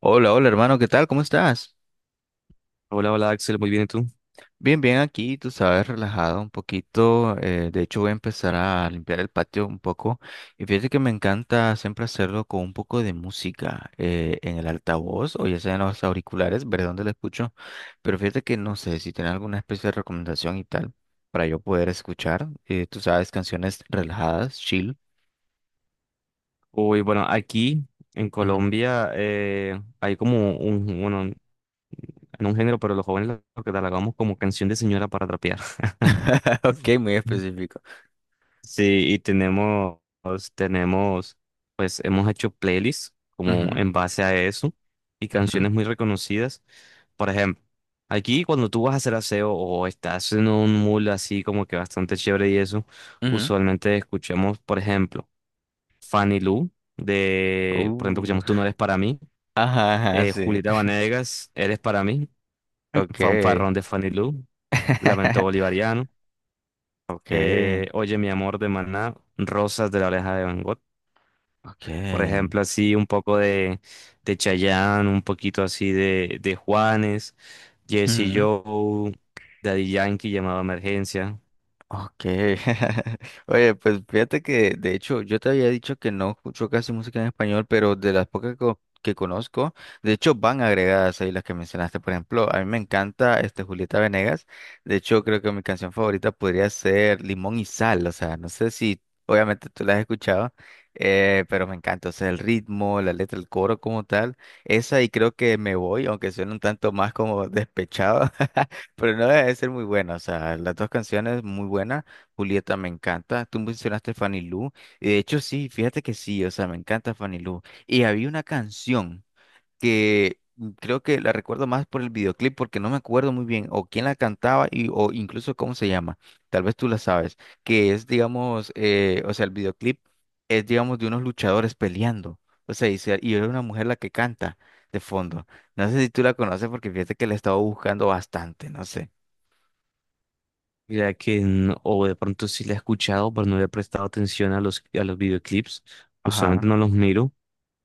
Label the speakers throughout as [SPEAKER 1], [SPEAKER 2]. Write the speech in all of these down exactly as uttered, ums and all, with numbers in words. [SPEAKER 1] Hola, hola hermano, ¿qué tal? ¿Cómo estás?
[SPEAKER 2] Hola, hola Axel, muy bien, ¿y tú?
[SPEAKER 1] Bien, bien aquí, tú sabes, relajado un poquito. Eh, de hecho, voy a empezar a limpiar el patio un poco. Y fíjate que me encanta siempre hacerlo con un poco de música eh, en el altavoz o ya sea en los auriculares, ver dónde lo escucho. Pero fíjate que no sé si tienes alguna especie de recomendación y tal para yo poder escuchar. Eh, tú sabes, canciones relajadas, chill.
[SPEAKER 2] Uy, bueno, aquí en
[SPEAKER 1] Ujú.
[SPEAKER 2] Colombia eh, hay como un, bueno, en un género, pero los jóvenes lo catalogamos como canción de señora para trapear.
[SPEAKER 1] Ok, muy específico.
[SPEAKER 2] Sí, y tenemos, tenemos, pues hemos hecho playlists como
[SPEAKER 1] Ujú,
[SPEAKER 2] en base a eso y
[SPEAKER 1] ujú,
[SPEAKER 2] canciones muy reconocidas. Por ejemplo, aquí cuando tú vas a hacer aseo o estás en un mood así como que bastante chévere y eso, usualmente escuchamos, por ejemplo. Fanny Lu, de, por ejemplo,
[SPEAKER 1] ujú. Uh,
[SPEAKER 2] escuchamos Tú no eres para mí,
[SPEAKER 1] ajá, ajá,
[SPEAKER 2] eh,
[SPEAKER 1] sí.
[SPEAKER 2] Julieta Venegas, Eres para mí,
[SPEAKER 1] Ok.
[SPEAKER 2] Fanfarrón de Fanny Lu, Lamento Bolivariano,
[SPEAKER 1] Ok,
[SPEAKER 2] eh, Oye mi amor de Maná, Rosas de la oreja de Van Gogh, por
[SPEAKER 1] ok.
[SPEAKER 2] ejemplo, así un poco de, de Chayanne, un poquito así de, de Juanes, Jesse
[SPEAKER 1] Ujú.
[SPEAKER 2] Joe, Daddy Yankee, Llamado a Emergencia.
[SPEAKER 1] Ok. Oye, pues fíjate que de hecho yo te había dicho que no escucho casi música en español, pero de las pocas co- que conozco, de hecho van agregadas ahí las que mencionaste. Por ejemplo, a mí me encanta este Julieta Venegas. De hecho, creo que mi canción favorita podría ser Limón y Sal. O sea, no sé si obviamente tú la has escuchado, eh, pero me encanta. O sea, el ritmo, la letra, el coro como tal. Esa y creo que Me Voy, aunque suene un tanto más como despechado. Pero no debe de ser muy buena, o sea, las dos canciones muy buenas. Julieta me encanta. Tú mencionaste Fanny Lu, y de hecho sí, fíjate que sí, o sea, me encanta Fanny Lu. Y había una canción que mm, creo que la recuerdo más por el videoclip, porque no me acuerdo muy bien o quién la cantaba y, o incluso cómo se llama. Tal vez tú la sabes, que es, digamos, eh, o sea, el videoclip es, digamos, de unos luchadores peleando. O sea, y, se- y es una mujer la que canta de fondo. No sé si tú la conoces porque fíjate que la he estado buscando bastante, no sé.
[SPEAKER 2] Mira que, no- o de pronto sí la he escuchado, pero no le he prestado atención a los, a los videoclips, usualmente
[SPEAKER 1] Ajá,
[SPEAKER 2] no los miro.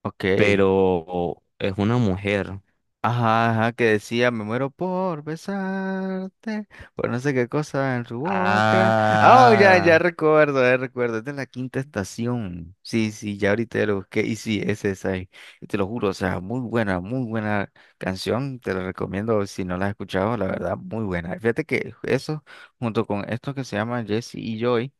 [SPEAKER 1] ok.
[SPEAKER 2] Pero es una mujer.
[SPEAKER 1] Ajá, ajá, que decía, me muero por besarte, por no sé qué cosa en su boca. Ah, oh, ya, ya
[SPEAKER 2] Ah,
[SPEAKER 1] recuerdo, ya recuerdo, es de la quinta estación. Sí, sí, ya ahorita ya lo busqué y sí, es esa, ahí. Y te lo juro, o sea, muy buena, muy buena canción, te la recomiendo si no la has escuchado, la verdad, muy buena. Fíjate que eso, junto con esto que se llama Jesse y Joy,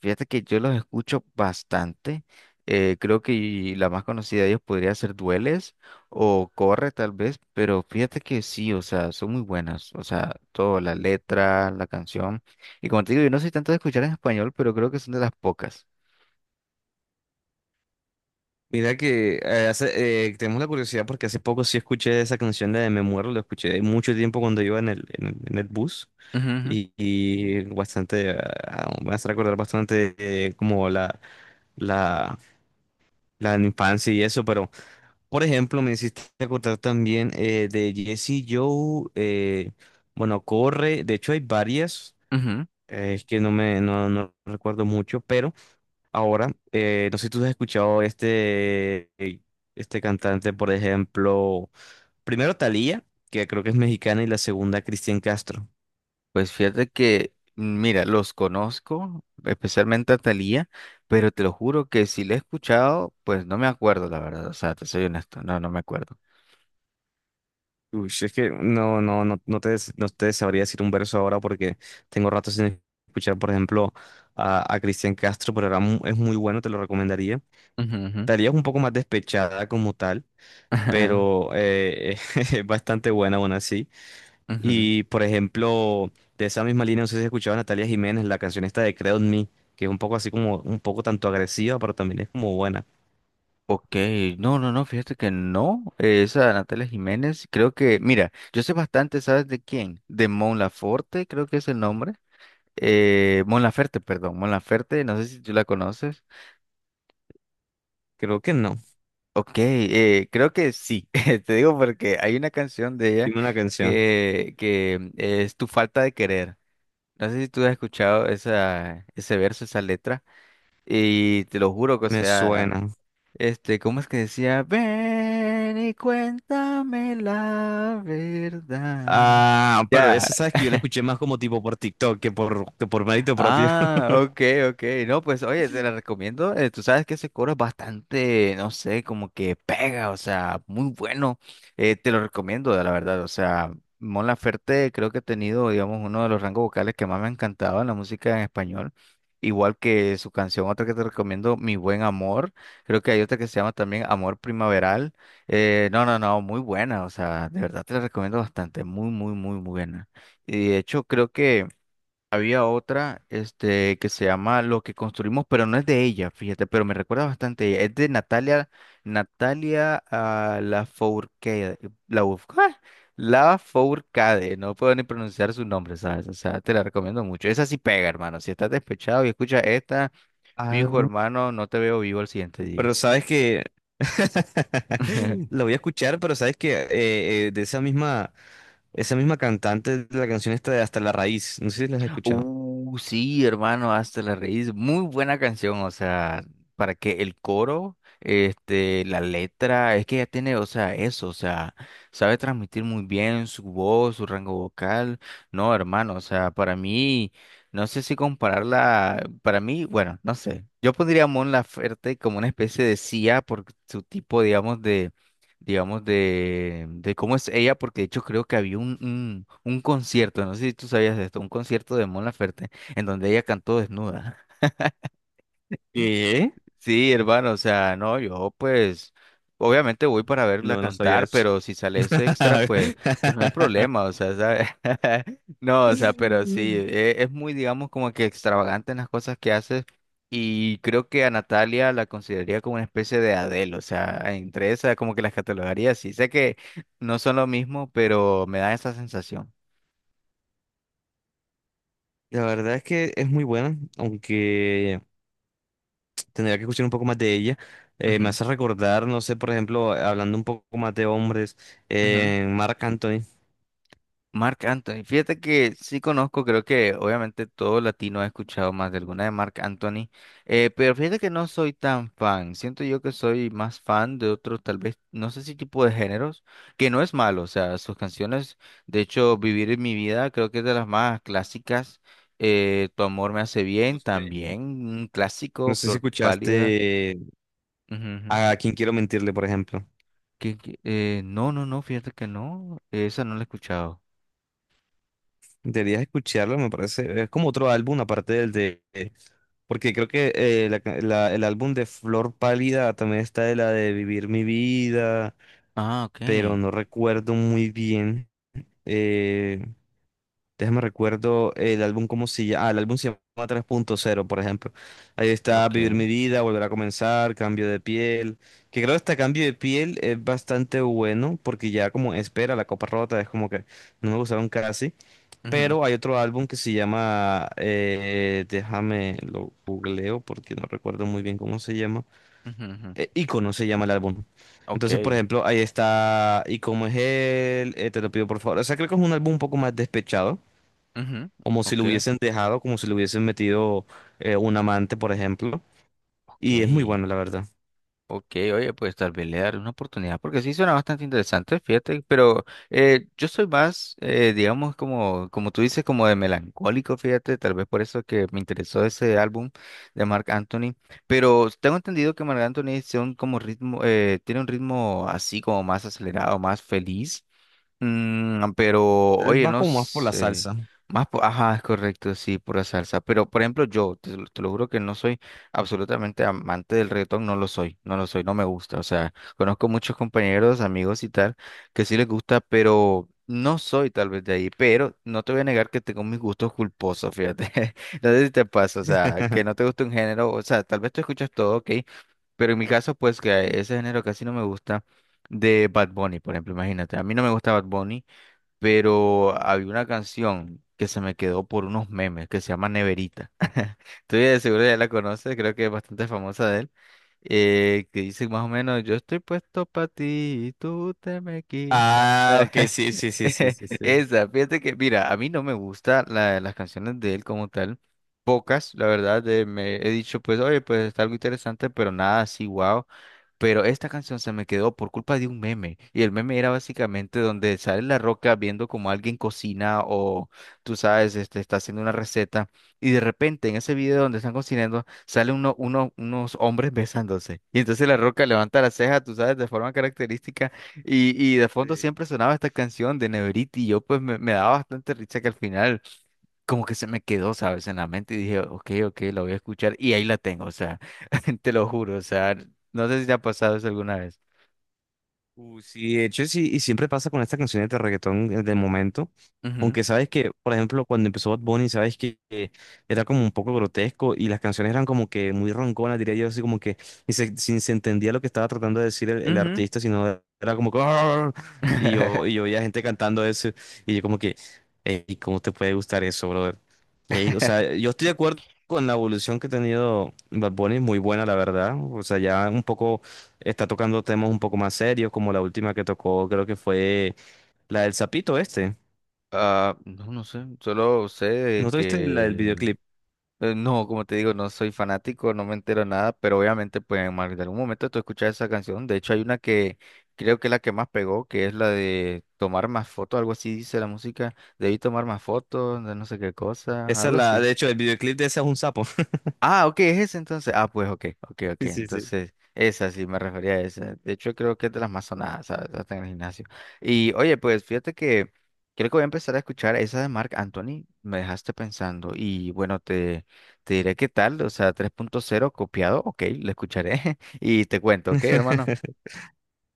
[SPEAKER 1] fíjate que yo los escucho bastante. Eh, creo que la más conocida de ellos podría ser Dueles. O corre tal vez, pero fíjate que sí, o sea, son muy buenas, o sea, toda la letra, la canción. Y como te digo, yo no soy tanto de escuchar en español, pero creo que son de las pocas.
[SPEAKER 2] mira que eh, hace- eh, tenemos la curiosidad porque hace poco sí escuché esa canción de Me Muero, lo escuché mucho tiempo cuando iba en el, en el, en el bus
[SPEAKER 1] Ujú,
[SPEAKER 2] y, y bastante, ah, ah, me hace recordar bastante eh, como la, la, la infancia y eso, pero por ejemplo me hiciste acordar también eh, de Jesse Joe, eh, bueno, Corre, de hecho hay varias,
[SPEAKER 1] ujú, ujú.
[SPEAKER 2] eh, es que no me no, no recuerdo mucho, pero... Ahora, eh, no sé si tú has escuchado este, este cantante, por ejemplo, primero Thalía, que creo que es mexicana, y la segunda Cristian Castro.
[SPEAKER 1] Pues fíjate que, mira, los conozco, especialmente a Thalía, pero te lo juro que si la he escuchado, pues no me acuerdo, la verdad, o sea, te soy honesto, no, no me acuerdo.
[SPEAKER 2] Uy, es que no, no, no, no te, no te sabría decir un verso ahora porque tengo rato sin escuchar, por ejemplo, a, a Cristian Castro, pero era mu- es muy bueno, te lo recomendaría.
[SPEAKER 1] Ujú, ujú.
[SPEAKER 2] Thalía es un poco más despechada como tal, pero eh, es bastante buena aún así.
[SPEAKER 1] Ujú,
[SPEAKER 2] Y por ejemplo, de esa misma línea, no sé si has escuchado a Natalia Jiménez, la canción esta de Creed on Me, que es un poco así como, un poco tanto agresiva, pero también es como buena.
[SPEAKER 1] ok, no, no, no, fíjate que no, eh, esa Natalia Jiménez, creo que, mira, yo sé bastante, ¿sabes de quién? De Mon Laferte, creo que es el nombre, eh, Mon Laferte, perdón, Mon Laferte, no sé si tú la conoces,
[SPEAKER 2] Creo que no.
[SPEAKER 1] ok, eh, creo que sí, te digo porque hay una canción de ella
[SPEAKER 2] Dime una canción.
[SPEAKER 1] que, que es Tu falta de querer, no sé si tú has escuchado esa, ese verso, esa letra, y te lo juro que, o
[SPEAKER 2] Me
[SPEAKER 1] sea...
[SPEAKER 2] suena.
[SPEAKER 1] Este, ¿cómo es que decía? Ven y cuéntame la verdad.
[SPEAKER 2] Ah, pero
[SPEAKER 1] Ya.
[SPEAKER 2] esa sabes que yo la escuché más como tipo por TikTok que por, que por mérito propio.
[SPEAKER 1] Ah, ok, ok. No, pues oye, te la recomiendo. Eh, tú sabes que ese coro es bastante, no sé, como que pega, o sea, muy bueno. Eh, te lo recomiendo, la verdad. O sea, Mon Laferte creo que ha tenido, digamos, uno de los rangos vocales que más me ha encantado en la música en español. Igual que su canción, otra que te recomiendo, Mi Buen Amor. Creo que hay otra que se llama también Amor Primaveral. Eh, no, no, no, muy buena. O sea, de verdad te la recomiendo bastante. Muy, muy, muy buena. Y de hecho, creo que... Había otra, este, que se llama Lo que construimos, pero no es de ella, fíjate, pero me recuerda bastante a ella. Es de Natalia, Natalia ah, Lafourcade, la ¡ah! Lafourcade, no puedo ni pronunciar su nombre, ¿sabes? O sea, te la recomiendo mucho. Esa sí pega, hermano. Si estás despechado y escuchas esta,
[SPEAKER 2] Ah,
[SPEAKER 1] fijo, hermano, no te veo vivo al siguiente día.
[SPEAKER 2] pero sabes que lo voy a escuchar, pero sabes que eh, eh, de esa misma, esa misma cantante, de la canción esta de Hasta la Raíz, no sé si la has escuchado.
[SPEAKER 1] Uh, sí, hermano, hasta la raíz. Muy buena canción, o sea, para que el coro, este, la letra, es que ella tiene, o sea, eso, o sea, sabe transmitir muy bien su voz, su rango vocal. No, hermano, o sea, para mí, no sé si compararla, para mí, bueno, no sé. Yo pondría a Mon Laferte como una especie de C I A por su tipo, digamos, de digamos, de, de cómo es ella, porque de hecho creo que había un, un, un concierto, no sé si tú sabías de esto, un concierto de Mon Laferte, en donde ella cantó desnuda.
[SPEAKER 2] ¿Qué?
[SPEAKER 1] Sí, hermano, o sea, no, yo pues obviamente voy para verla
[SPEAKER 2] No, no sabía
[SPEAKER 1] cantar,
[SPEAKER 2] eso.
[SPEAKER 1] pero si sale eso extra, pues, pues no hay problema, o sea, ¿sabes? No, o sea, pero sí, e- es muy, digamos, como que extravagante en las cosas que hace y creo que a Natalia la consideraría como una especie de Adele, o sea, entre esas como que las catalogaría sí, sé que no son lo mismo, pero me da esa sensación.
[SPEAKER 2] La verdad es que es muy buena, aunque tendría que escuchar un poco más de ella. Eh, me
[SPEAKER 1] Ujú,
[SPEAKER 2] hace recordar, no sé, por ejemplo, hablando un poco más de hombres,
[SPEAKER 1] ujú.
[SPEAKER 2] eh, Marc Anthony.
[SPEAKER 1] Marc Anthony, fíjate que sí conozco, creo que obviamente todo latino ha escuchado más de alguna de Marc Anthony, eh, pero fíjate que no soy tan fan, siento yo que soy más fan de otros, tal vez, no sé si tipo de géneros, que no es malo, o sea, sus canciones, de hecho, Vivir en mi vida creo que es de las más clásicas, eh, Tu amor me hace bien
[SPEAKER 2] Usted.
[SPEAKER 1] también, un clásico,
[SPEAKER 2] No sé si
[SPEAKER 1] Flor pálida,
[SPEAKER 2] escuchaste
[SPEAKER 1] ujú, ujú.
[SPEAKER 2] a Quién Quiero Mentirle, por ejemplo.
[SPEAKER 1] que, que, eh, no, no, no, fíjate que no, esa no la he escuchado.
[SPEAKER 2] Deberías escucharlo, me parece. Es como otro álbum, aparte del de... Porque creo que eh, la ca- la- el álbum de Flor Pálida también está de la de Vivir mi vida,
[SPEAKER 1] Ah, ok,
[SPEAKER 2] pero no recuerdo muy bien. Eh, Déjame recuerdo el álbum cómo se llama. Ah, el álbum se llama tres punto cero, por ejemplo. Ahí está Vivir
[SPEAKER 1] ok.
[SPEAKER 2] mi vida, Volver a comenzar, Cambio de piel, que creo que este Cambio de piel es bastante bueno porque ya como espera la copa rota, es como que no me gustaron casi,
[SPEAKER 1] Ujú.
[SPEAKER 2] pero hay otro álbum que se llama eh, déjame lo googleo porque no recuerdo muy bien cómo se llama
[SPEAKER 1] Ujú, ujú.
[SPEAKER 2] eh, Ícono se llama el álbum.
[SPEAKER 1] Ok,
[SPEAKER 2] Entonces, por ejemplo, ahí está ¿Y cómo es él? eh, te lo pido por favor. O sea, creo que es un álbum un poco más despechado,
[SPEAKER 1] ujú,
[SPEAKER 2] como si
[SPEAKER 1] ok,
[SPEAKER 2] lo hubiesen dejado, como si le hubiesen metido eh, un amante, por ejemplo.
[SPEAKER 1] ok,
[SPEAKER 2] Y es muy bueno, la verdad.
[SPEAKER 1] ok, oye, pues tal vez le daré una oportunidad porque sí suena bastante interesante, fíjate, pero eh, yo soy más, eh, digamos, como, como tú dices, como de melancólico, fíjate, tal vez por eso que me interesó ese álbum de Marc Anthony, pero tengo entendido que Marc Anthony tiene un, como ritmo, eh, tiene un ritmo así como más acelerado, más feliz. Mm, pero,
[SPEAKER 2] Eh,
[SPEAKER 1] oye,
[SPEAKER 2] Va
[SPEAKER 1] no
[SPEAKER 2] como más por la
[SPEAKER 1] sé.
[SPEAKER 2] salsa.
[SPEAKER 1] Más, po- ajá, es correcto, sí, pura salsa. Pero, por ejemplo, yo, te, lo te lo juro que no soy absolutamente amante del reggaetón, no lo soy, no lo soy, no me gusta. O sea, conozco muchos compañeros, amigos y tal, que sí les gusta, pero no soy tal vez de ahí. Pero no te voy a negar que tengo mis gustos culposos, fíjate. No sé si te pasa, o sea, que no te gusta un género, o sea, tal vez tú escuchas todo, ok, pero en mi caso, pues que ese género casi no me gusta de Bad Bunny, por ejemplo, imagínate, a mí no me gusta Bad Bunny, pero había una canción que se me quedó por unos memes que se llama Neverita. Estoy de seguro ya la conoces, creo que es bastante famosa de él, eh, que dice más o menos, yo estoy puesto para ti y tú te me quitas.
[SPEAKER 2] Ah, ok, sí, sí, sí, sí, sí, sí.
[SPEAKER 1] Esa, fíjate que, mira, a mí no me gusta la- las canciones de él como tal. Pocas, la verdad, de- me he dicho, pues, oye, pues está algo interesante, pero nada así, wow. Pero esta canción se me quedó por culpa de un meme. Y el meme era básicamente donde sale La Roca viendo como alguien cocina o tú sabes, este, está haciendo una receta. Y de repente en ese video donde están cocinando sale uno, uno- unos hombres besándose. Y entonces La Roca levanta la ceja, tú sabes, de forma característica. Y, y de fondo siempre sonaba esta canción de Neveriti. Y yo pues me, me daba bastante risa que al final como que se me quedó, ¿sabes? En la mente y dije, ok, ok, la voy a escuchar y ahí la tengo, o sea, te lo juro, o sea, no sé si te ha pasado eso alguna vez.
[SPEAKER 2] Uh, sí, de hecho sí, y siempre pasa con estas canciones de reggaetón eh, del momento.
[SPEAKER 1] Ujú,
[SPEAKER 2] Aunque sabes que, por ejemplo, cuando empezó Bad Bunny, sabes que eh, era como un poco grotesco y las canciones eran como que muy ronconas, diría yo, así como que ni se, ni se entendía lo que estaba tratando de decir el, el
[SPEAKER 1] ujú.
[SPEAKER 2] artista, sino era como que... "Arr". Y yo, y yo oía gente cantando eso y yo como que, "Ey, ¿cómo te puede gustar eso, brother? Ey, o sea, yo estoy de acuerdo con la evolución que ha tenido Bad Bunny, muy buena, la verdad. O sea, ya un poco está tocando temas un poco más serios, como la última que tocó, creo que fue la del sapito este.
[SPEAKER 1] Ah, no, no sé, solo sé de
[SPEAKER 2] ¿No tuviste la del
[SPEAKER 1] que...
[SPEAKER 2] videoclip?
[SPEAKER 1] eh, No, como te digo, no soy fanático, no me entero nada, pero obviamente pues en más de algún momento tú escuchas esa canción. De hecho hay una que creo que es la que más pegó, que es la de tomar más fotos, algo así dice la música. Debí tomar más fotos, de no sé qué cosa,
[SPEAKER 2] Esa es
[SPEAKER 1] algo
[SPEAKER 2] la,
[SPEAKER 1] así.
[SPEAKER 2] de hecho, el videoclip de esa es un sapo.
[SPEAKER 1] Ah, ok, es ese entonces. Ah, pues ok, ok, ok.
[SPEAKER 2] Sí, sí, sí.
[SPEAKER 1] Entonces, esa sí me refería a esa. De hecho, creo que es de las más sonadas, ¿sabes? Hasta en el gimnasio. Y oye, pues fíjate que creo que voy a empezar a escuchar esa de Marc Anthony. Me dejaste pensando. Y bueno, te, te diré qué tal. O sea, tres punto cero copiado. Ok, la escucharé. Y te cuento, ok, hermano.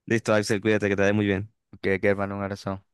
[SPEAKER 2] Listo, Axel, cuídate, que te vaya muy bien.
[SPEAKER 1] Ok, ok, hermano, un abrazo.